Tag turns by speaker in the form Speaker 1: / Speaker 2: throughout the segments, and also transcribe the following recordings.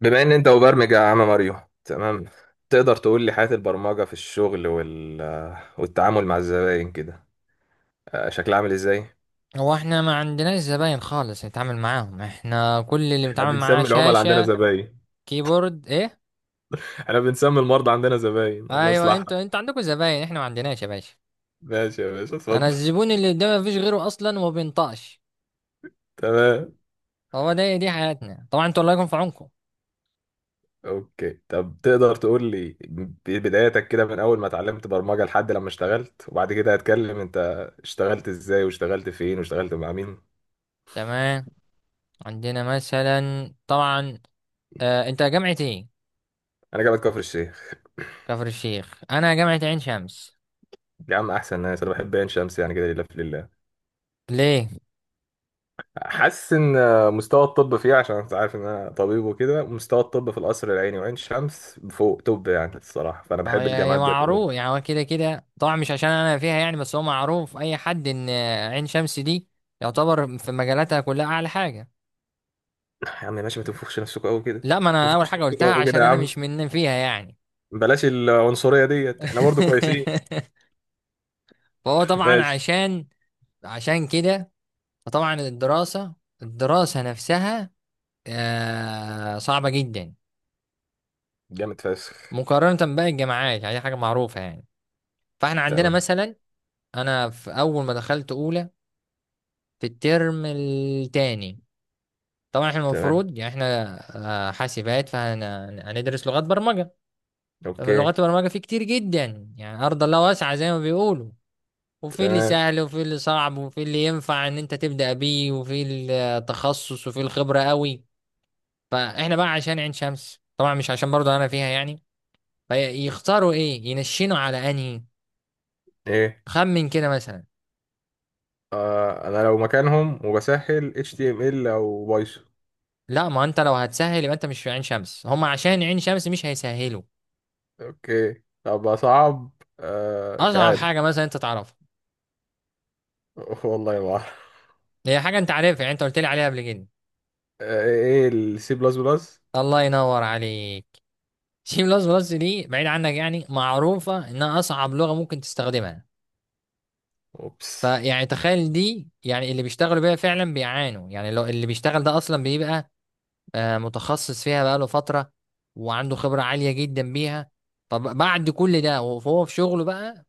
Speaker 1: بما ان انت مبرمج يا عم ماريو، تمام. تقدر تقول لي حياة البرمجة في الشغل والتعامل مع الزباين كده؟ شكلها عامل ازاي؟
Speaker 2: هو احنا ما عندناش زباين خالص نتعامل معاهم، احنا كل اللي
Speaker 1: احنا
Speaker 2: بنتعامل معاه
Speaker 1: بنسمي العملاء عندنا
Speaker 2: شاشة
Speaker 1: زباين.
Speaker 2: كيبورد ايه.
Speaker 1: احنا بنسمي المرضى عندنا زباين، الله
Speaker 2: ايوه
Speaker 1: يصلحها.
Speaker 2: انتوا عندكم زباين، احنا ما عندناش يا باشا.
Speaker 1: ماشي يا باشا،
Speaker 2: انا
Speaker 1: اتفضل.
Speaker 2: الزبون اللي قدامي مفيش غيره اصلا وما بينطقش.
Speaker 1: تمام.
Speaker 2: هو دي حياتنا طبعا، انتوا الله يكون في عونكم.
Speaker 1: اوكي، طب تقدر تقول لي بدايتك كده من اول ما اتعلمت برمجة لحد لما اشتغلت، وبعد كده هتكلم انت اشتغلت ازاي واشتغلت فين واشتغلت مع مين.
Speaker 2: تمام، عندنا مثلا طبعا. انت جامعة ايه؟
Speaker 1: انا جامعة كفر الشيخ.
Speaker 2: كفر الشيخ. انا جامعة عين شمس.
Speaker 1: يا عم احسن ناس، انا بحب عين شمس يعني كده، لله في لله.
Speaker 2: ليه؟
Speaker 1: حاسس ان مستوى الطب فيه، عشان انت عارف ان انا طبيب وكده، مستوى الطب في القصر العيني وعين شمس فوق طب يعني الصراحه، فانا
Speaker 2: اه،
Speaker 1: بحب
Speaker 2: يا
Speaker 1: الجامعات دي عموما.
Speaker 2: معروف يعني، هو كده كده طبعا، مش عشان انا فيها يعني، بس هو معروف اي حد ان عين شمس دي يعتبر في مجالاتها كلها اعلى حاجه.
Speaker 1: يا عم ماشي، ما تنفخش نفسكوا قوي كده.
Speaker 2: لا، ما
Speaker 1: ما
Speaker 2: انا اول
Speaker 1: تنفخش
Speaker 2: حاجه
Speaker 1: نفسكوا
Speaker 2: قلتها
Speaker 1: قوي كده
Speaker 2: عشان
Speaker 1: يا
Speaker 2: انا مش
Speaker 1: عم.
Speaker 2: من فيها يعني.
Speaker 1: بلاش العنصريه ديت، احنا برضو كويسين.
Speaker 2: فهو طبعا
Speaker 1: ماشي.
Speaker 2: عشان كده، فطبعا الدراسه نفسها صعبه جدا،
Speaker 1: جامد فشخ.
Speaker 2: مقارنه بقى الجامعات، يعني دي حاجه معروفه يعني. فاحنا عندنا
Speaker 1: تمام،
Speaker 2: مثلا، انا في اول ما دخلت اولى، في الترم التاني، طبعا احنا
Speaker 1: تمام.
Speaker 2: المفروض يعني احنا حاسبات، فهندرس لغات برمجة. فمن
Speaker 1: اوكي.
Speaker 2: لغات البرمجة في كتير جدا، يعني أرض الله واسعة زي ما بيقولوا، وفي اللي
Speaker 1: تمام.
Speaker 2: سهل وفي اللي صعب وفي اللي ينفع ان انت تبدأ بيه وفي التخصص وفي الخبرة قوي. فاحنا بقى عشان عين شمس طبعا، مش عشان برضه انا فيها يعني، فيختاروا ايه، ينشنوا على انهي.
Speaker 1: ايه؟
Speaker 2: خمن كده مثلا.
Speaker 1: انا لو مكانهم وبسهل HTML او بايثون.
Speaker 2: لا، ما انت لو هتسهل يبقى انت مش في عين شمس، هم عشان عين شمس مش هيسهلوا.
Speaker 1: اوكي، طب اصعب. مش
Speaker 2: اصعب
Speaker 1: عارف.
Speaker 2: حاجة مثلا انت تعرفها.
Speaker 1: والله ما أعرف.
Speaker 2: هي حاجة انت عارفها، يعني انت قلت لي عليها قبل كده.
Speaker 1: ايه السي بلس بلس.
Speaker 2: الله ينور عليك. سي بلس بلس دي بعيد عنك يعني، معروفة انها اصعب لغة ممكن تستخدمها.
Speaker 1: اوبس.
Speaker 2: فيعني تخيل دي، يعني اللي بيشتغلوا بيها فعلا بيعانوا، يعني لو اللي بيشتغل ده اصلا بيبقى متخصص فيها بقاله فترة وعنده خبرة عالية جدا بيها، فبعد كل ده وهو في شغله بقى،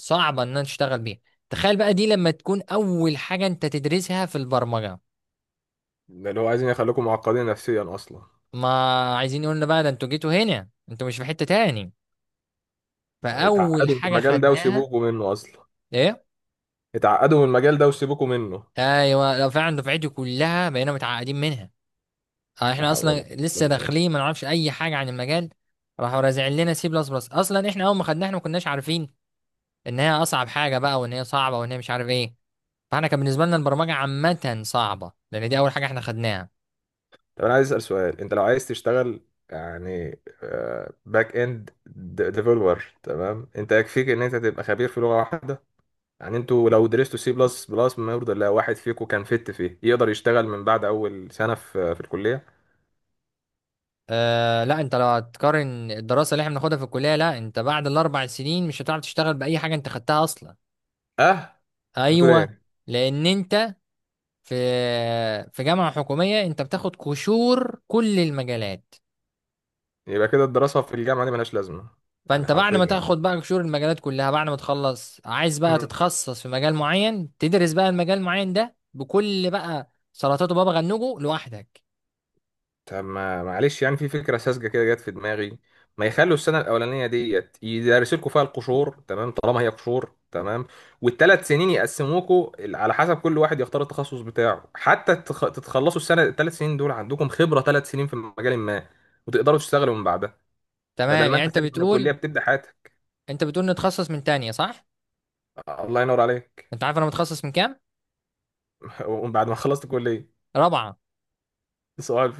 Speaker 2: فصعبة ان أنا تشتغل بيها. تخيل بقى دي لما تكون اول حاجة انت تدرسها في البرمجة.
Speaker 1: ده اللي هو عايزين يخليكم معقدين نفسيا اصلا.
Speaker 2: ما عايزين يقولنا بقى، ده انتوا جيتوا هنا، انتوا مش في حتة تاني. فاول
Speaker 1: اتعقدوا من
Speaker 2: حاجة
Speaker 1: المجال ده
Speaker 2: خدناها،
Speaker 1: وسيبوكوا منه اصلا.
Speaker 2: ايه؟
Speaker 1: اتعقدوا من المجال ده وسيبوكوا منه.
Speaker 2: ايوه، لو فعلا دفعتي كلها بقينا متعقدين منها.
Speaker 1: لا
Speaker 2: احنا
Speaker 1: حول ولا
Speaker 2: اصلا
Speaker 1: قوة الا
Speaker 2: لسه
Speaker 1: بالله.
Speaker 2: داخلين، ما نعرفش اي حاجه عن المجال، راحوا رازعين لنا سي بلس بلس. اصلا احنا اول ما خدناها احنا ما كناش عارفين ان هي اصعب حاجه بقى، وان هي صعبه، وان هي مش عارف ايه. فاحنا كان بالنسبه لنا البرمجه عامه صعبه لان دي اول حاجه احنا خدناها.
Speaker 1: طب انا عايز اسال سؤال، انت لو عايز تشتغل يعني باك اند ديفلوبر، تمام، انت يكفيك ان انت تبقى خبير في لغه واحده؟ يعني انتوا لو درستوا سي بلس بلس، ما يرضى الله، واحد فيكم كان فت فيه يقدر يشتغل من بعد اول سنه في الكليه.
Speaker 2: أه لا، انت لو هتقارن الدراسه اللي احنا بناخدها في الكليه، لا، انت بعد 4 سنين مش هتعرف تشتغل باي حاجه انت خدتها اصلا.
Speaker 1: اه. انت بتقول
Speaker 2: ايوه.
Speaker 1: ايه؟
Speaker 2: لان انت في في جامعه حكوميه انت بتاخد قشور كل المجالات.
Speaker 1: يبقى كده الدراسة في الجامعة دي ملهاش لازمة. يعني
Speaker 2: فانت بعد ما
Speaker 1: حرفيا.
Speaker 2: تاخد بقى قشور المجالات كلها، بعد ما تخلص عايز بقى
Speaker 1: مم.
Speaker 2: تتخصص في مجال معين، تدرس بقى المجال المعين ده بكل بقى سلطاته، بابا غنوجه لوحدك.
Speaker 1: طب ما معلش، يعني في فكرة ساذجة كده جت في دماغي. ما يخلوا السنة الأولانية ديت يدرسوا لكم فيها القشور، تمام، طالما هي قشور، تمام، والثلاث سنين يقسموكوا على حسب كل واحد يختار التخصص بتاعه، حتى تتخلصوا السنة الثلاث سنين دول عندكم خبرة ثلاث سنين في مجال ما، وتقدروا تشتغلوا من بعدها، بدل
Speaker 2: تمام،
Speaker 1: ما
Speaker 2: يعني
Speaker 1: أنت
Speaker 2: انت
Speaker 1: خارج من
Speaker 2: بتقول
Speaker 1: الكلية بتبدأ حياتك.
Speaker 2: انت بتقول نتخصص من تانية، صح؟
Speaker 1: الله ينور عليك.
Speaker 2: انت عارف انا متخصص من كام؟
Speaker 1: وبعد ما خلصت كلية.
Speaker 2: رابعة.
Speaker 1: صباح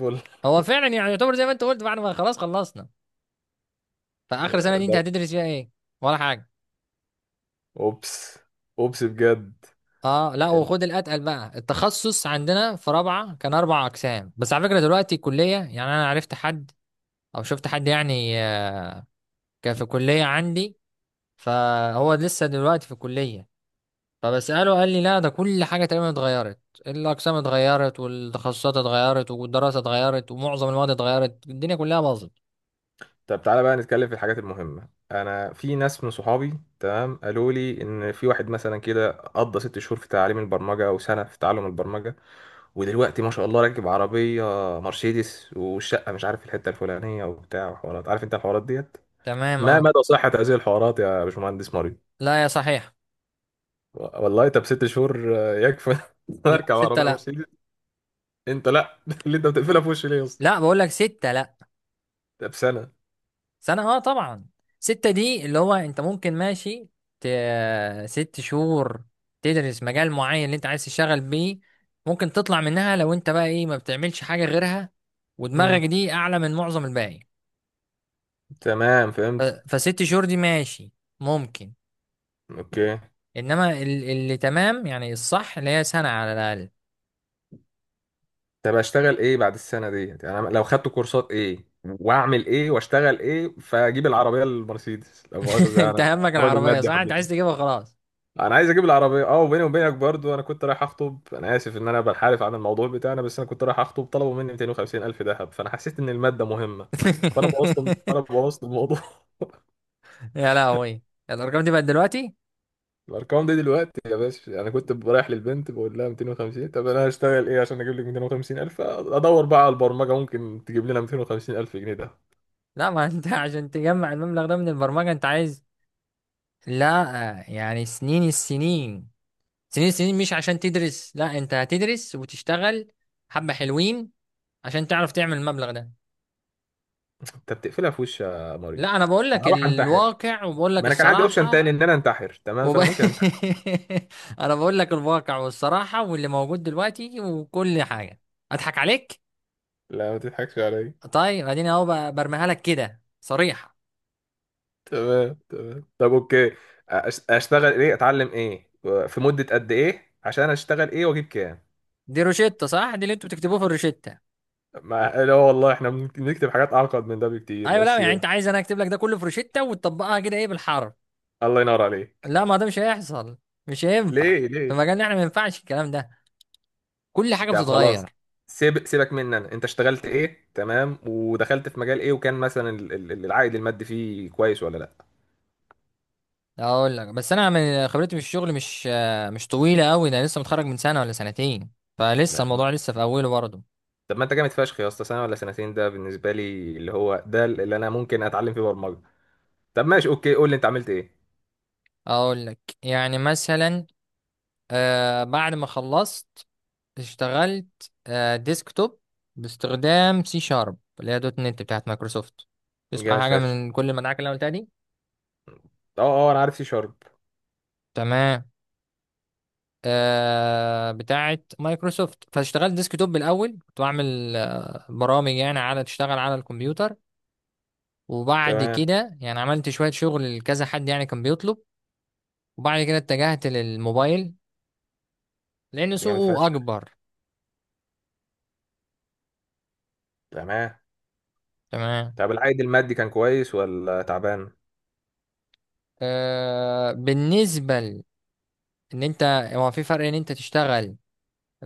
Speaker 2: هو فعلا يعني، يعتبر زي ما انت قلت، بعد ما خلاص خلصنا، فاخر سنة دي انت
Speaker 1: الفل.
Speaker 2: هتدرس فيها ايه؟ ولا حاجة.
Speaker 1: اوبس. اوبس بجد.
Speaker 2: اه لا،
Speaker 1: انت.
Speaker 2: وخد الاتقل بقى، التخصص عندنا في رابعة كان 4 اقسام بس. على فكرة دلوقتي الكلية، يعني انا عرفت حد او شفت حد يعني، كان في كلية عندي، فهو لسه دلوقتي في الكلية، فبسأله قال لي لا، ده كل حاجة تقريبا اتغيرت. الأقسام اتغيرت، والتخصصات اتغيرت، والدراسة اتغيرت، ومعظم المواد اتغيرت، الدنيا كلها باظت.
Speaker 1: طب تعالى بقى نتكلم في الحاجات المهمة. انا في ناس من صحابي، تمام، قالوا لي ان في واحد مثلا كده قضى ست شهور في تعليم البرمجة او سنة في تعلم البرمجة، ودلوقتي ما شاء الله راكب عربية مرسيدس، والشقة مش عارف في الحتة الفلانية، وبتاع، وحوارات، عارف انت الحوارات ديت.
Speaker 2: تمام.
Speaker 1: ما
Speaker 2: اه
Speaker 1: مدى صحة هذه الحوارات يا باشمهندس مريض؟
Speaker 2: لا، يا صحيح.
Speaker 1: والله، طب ست شهور يكفي؟
Speaker 2: لا،
Speaker 1: اركب
Speaker 2: ستة
Speaker 1: عربية
Speaker 2: لا.
Speaker 1: مرسيدس. انت لا. اللي انت بتقفلها في وشي ليه يا اسطى؟
Speaker 2: لا، بقول لك ستة لا.
Speaker 1: طب سنة؟
Speaker 2: سنة، اه طبعا. ستة دي اللي هو انت ممكن ماشي، ت... 6 شهور تدرس مجال معين اللي انت عايز تشتغل بيه، ممكن تطلع منها لو انت بقى ايه، ما بتعملش حاجة غيرها ودماغك
Speaker 1: امم
Speaker 2: دي اعلى من معظم الباقي.
Speaker 1: تمام، فهمت.
Speaker 2: ف6 شهور دي ماشي، ممكن.
Speaker 1: اوكي،
Speaker 2: انما اللي تمام يعني الصح اللي هي سنة على الاقل.
Speaker 1: طب اشتغل ايه بعد السنه ديت؟ يعني أنا لو خدت كورسات ايه، واعمل ايه، واشتغل ايه، فاجيب العربيه المرسيدس، لو مؤاخذه، يعني
Speaker 2: انت
Speaker 1: انا
Speaker 2: همك
Speaker 1: راجل
Speaker 2: العربية،
Speaker 1: مادي
Speaker 2: صح؟ انت
Speaker 1: حبتني.
Speaker 2: عايز تجيبها خلاص.
Speaker 1: انا عايز اجيب العربيه، اه. وبيني وبينك برضو، انا كنت رايح اخطب، انا اسف ان انا بنحرف عن الموضوع بتاعنا، بس انا كنت رايح اخطب، طلبوا مني 250 الف ذهب، فانا حسيت ان الماده مهمه، فانا بوظت فانا بوظت الموضوع.
Speaker 2: يا لهوي، الارقام دي بقت دلوقتي!
Speaker 1: الارقام دي دلوقتي يا باشا، انا كنت رايح للبنت بقول لها 250. طب انا هشتغل ايه عشان اجيب لك 250 الف؟ ادور بقى على البرمجه ممكن تجيب لنا 250 الف جنيه ده.
Speaker 2: لا، ما انت عشان تجمع المبلغ ده من البرمجة انت عايز؟ لا يعني، سنين السنين مش عشان تدرس، لا، انت هتدرس وتشتغل حبة حلوين عشان تعرف تعمل المبلغ ده.
Speaker 1: انت بتقفلها في وش يا ماريو؟
Speaker 2: لا، انا بقول لك
Speaker 1: اروح انتحر.
Speaker 2: الواقع وبقول لك
Speaker 1: ما انا كان عندي اوبشن
Speaker 2: الصراحة.
Speaker 1: تاني ان انا انتحر، تمام،
Speaker 2: وب...
Speaker 1: فانا ممكن انتحر.
Speaker 2: انا بقول لك الواقع والصراحه واللي موجود دلوقتي وكل حاجه، اضحك عليك.
Speaker 1: لا، ما تضحكش عليا.
Speaker 2: طيب، اديني اهو، برميها لك كده صريحه.
Speaker 1: تمام تمام، طب اوكي. اشتغل ايه، اتعلم ايه، في مده قد ايه، عشان اشتغل ايه واجيب كام؟
Speaker 2: دي روشته، صح؟ دي اللي انتوا بتكتبوه في الروشته.
Speaker 1: ما لا والله، احنا بنكتب حاجات اعقد من ده بكتير
Speaker 2: ايوه، لا
Speaker 1: بس.
Speaker 2: يعني، انت عايز انا اكتب لك ده كله في روشته وتطبقها كده ايه، بالحرف؟
Speaker 1: الله ينور عليك.
Speaker 2: لا ما ده مش هيحصل، مش هينفع.
Speaker 1: ليه،
Speaker 2: في
Speaker 1: ليه؟
Speaker 2: مجالنا احنا ما ينفعش الكلام ده، كل حاجه
Speaker 1: طب خلاص،
Speaker 2: بتتغير.
Speaker 1: سيبك مني انا. انت اشتغلت ايه، تمام، ودخلت في مجال ايه، وكان مثلا العائد المادي فيه كويس ولا لا؟
Speaker 2: اقول لك، بس انا من خبرتي في الشغل مش طويله قوي، ده لسه متخرج من سنه ولا سنتين،
Speaker 1: لا.
Speaker 2: فلسه
Speaker 1: طب،
Speaker 2: الموضوع لسه في اوله برضه.
Speaker 1: طب ما انت جامد فشخ يا اسطى، سنه ولا سنتين ده بالنسبه لي اللي هو ده اللي انا ممكن اتعلم فيه برمجه. طب ماشي، اوكي، قول لي انت عملت ايه.
Speaker 2: اقول لك يعني مثلا، بعد ما خلصت اشتغلت ديسكتوب، باستخدام سي شارب اللي هي دوت نت بتاعت مايكروسوفت. تسمع
Speaker 1: جامد
Speaker 2: حاجه
Speaker 1: فشخ.
Speaker 2: من كل المدعكه اللي انا قلتها دي؟
Speaker 1: اه اه، انا عارف سي شارب.
Speaker 2: تمام. بتاعت مايكروسوفت. فاشتغلت ديسكتوب بالاول، كنت بعمل برامج يعني، على تشتغل على الكمبيوتر، وبعد
Speaker 1: تمام.
Speaker 2: كده يعني عملت شويه شغل لكذا حد يعني، كان بيطلب. وبعد كده اتجهت للموبايل لان
Speaker 1: ده جامد
Speaker 2: سوقه
Speaker 1: فشخ.
Speaker 2: اكبر.
Speaker 1: تمام.
Speaker 2: تمام.
Speaker 1: طب العائد المادي كان كويس ولا تعبان؟
Speaker 2: بالنسبة ان انت، هو في فرق ان انت تشتغل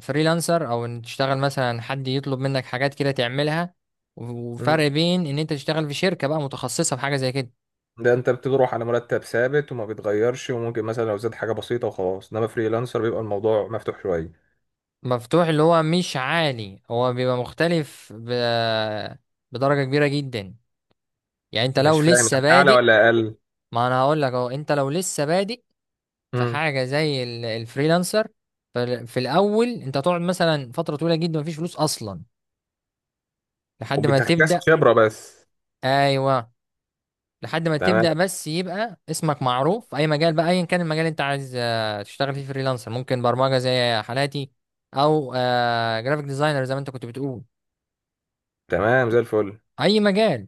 Speaker 2: فريلانسر، او ان تشتغل مثلا حد يطلب منك حاجات كده تعملها، و- وفرق
Speaker 1: امم
Speaker 2: بين ان انت تشتغل في شركة بقى متخصصة في حاجة زي كده.
Speaker 1: ده انت بتروح على مرتب ثابت وما بيتغيرش، وممكن مثلا لو زاد حاجه بسيطه وخلاص، انما فريلانسر بيبقى الموضوع مفتوح شويه.
Speaker 2: مفتوح، اللي هو مش عالي، هو بيبقى مختلف بدرجة كبيرة جدا. يعني انت
Speaker 1: مش
Speaker 2: لو
Speaker 1: فاهم،
Speaker 2: لسه
Speaker 1: يعني اعلى
Speaker 2: بادئ،
Speaker 1: ولا اقل؟
Speaker 2: ما انا هقول لك اهو، انت لو لسه بادئ في
Speaker 1: امم
Speaker 2: حاجة زي الفريلانسر، في الاول انت هتقعد مثلا فترة طويلة جدا مفيش فلوس اصلا لحد ما
Speaker 1: وبتكتسب
Speaker 2: تبدأ.
Speaker 1: خبره بس.
Speaker 2: ايوه. لحد ما
Speaker 1: تمام.
Speaker 2: تبدأ بس، يبقى اسمك معروف في أي مجال بقى، أيا كان المجال اللي أنت عايز تشتغل فيه فريلانسر، ممكن برمجة زي حالاتي، أو جرافيك ديزاينر زي ما أنت كنت بتقول،
Speaker 1: تمام، زي الفل.
Speaker 2: أي مجال.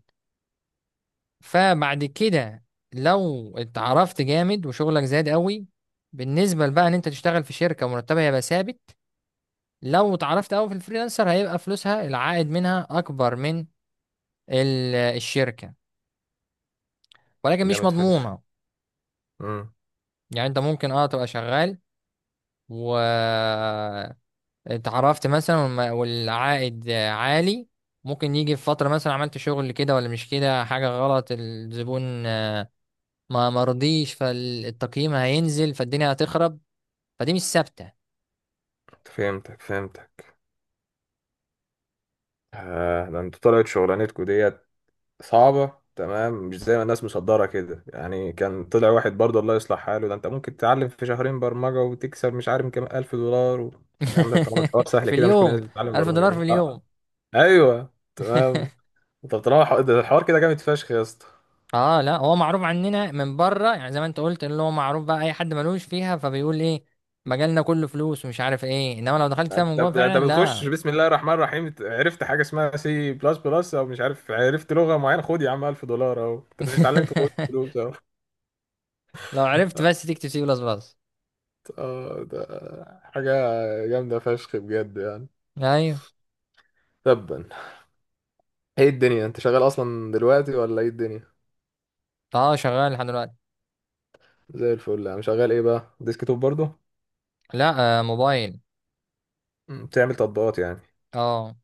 Speaker 2: فبعد كده، لو اتعرفت جامد وشغلك زاد قوي، بالنسبة بقى إن أنت تشتغل في شركة مرتبها هيبقى ثابت، لو اتعرفت قوي في الفريلانسر هيبقى فلوسها، العائد منها أكبر من الشركة، ولكن مش
Speaker 1: جامد فشخ.
Speaker 2: مضمونة.
Speaker 1: امم
Speaker 2: يعني أنت ممكن تبقى شغال و اتعرفت مثلا والعائد عالي، ممكن يجي في فترة مثلا عملت شغل كده ولا مش كده، حاجة غلط، الزبون ما مرضيش، فالتقييم هينزل، فالدنيا هتخرب، فدي مش ثابتة.
Speaker 1: فهمتك، فهمتك. ده انتوا طلعت شغلانتكم ديت صعبه، تمام، مش زي ما الناس مصدره كده. يعني كان طلع واحد برضه، الله يصلح حاله، ده انت ممكن تتعلم في شهرين برمجه وتكسب مش عارف كام الف دولار يا عم، ده طالما الحوار سهل
Speaker 2: في
Speaker 1: كده، مش كل
Speaker 2: اليوم؟
Speaker 1: الناس بتتعلم
Speaker 2: ألف
Speaker 1: برمجه
Speaker 2: دولار في
Speaker 1: ليه؟ اه.
Speaker 2: اليوم!
Speaker 1: ايوه تمام. طب طالما ده الحوار كده جامد فشخ يا اسطى،
Speaker 2: اه لا، هو معروف عننا من بره، يعني زي ما انت قلت، اللي هو معروف بقى اي حد ملوش فيها فبيقول ايه، مجالنا كله فلوس ومش عارف ايه، انما لو دخلت فيها من جوه
Speaker 1: ده انت
Speaker 2: فعلا
Speaker 1: بتخش
Speaker 2: لا.
Speaker 1: بسم الله الرحمن الرحيم، عرفت حاجه اسمها سي بلس بلس، او مش عارف، عرفت لغه معينه، خد يا عم $1000 اهو، انت مش اتعلمت، خد فلوس اهو.
Speaker 2: لو عرفت بس تكتب سي بلس بلس.
Speaker 1: اه، ده حاجه جامده فشخ بجد يعني.
Speaker 2: ايوه.
Speaker 1: تبا. ايه الدنيا، انت شغال اصلا دلوقتي ولا ايه الدنيا؟
Speaker 2: اه، شغال لحد دلوقتي.
Speaker 1: زي الفل. انا شغال ايه بقى، ديسك توب برضه؟
Speaker 2: لا، موبايل.
Speaker 1: بتعمل تطبيقات يعني.
Speaker 2: اه.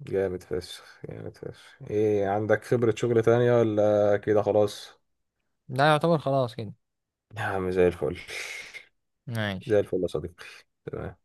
Speaker 1: جامد فشخ، جامد فشخ. ايه، عندك خبره شغل تانية ولا كده خلاص؟
Speaker 2: لا، يعتبر خلاص كده.
Speaker 1: يا عم زي الفل.
Speaker 2: ماشي.
Speaker 1: زي الفل يا صديقي. تمام.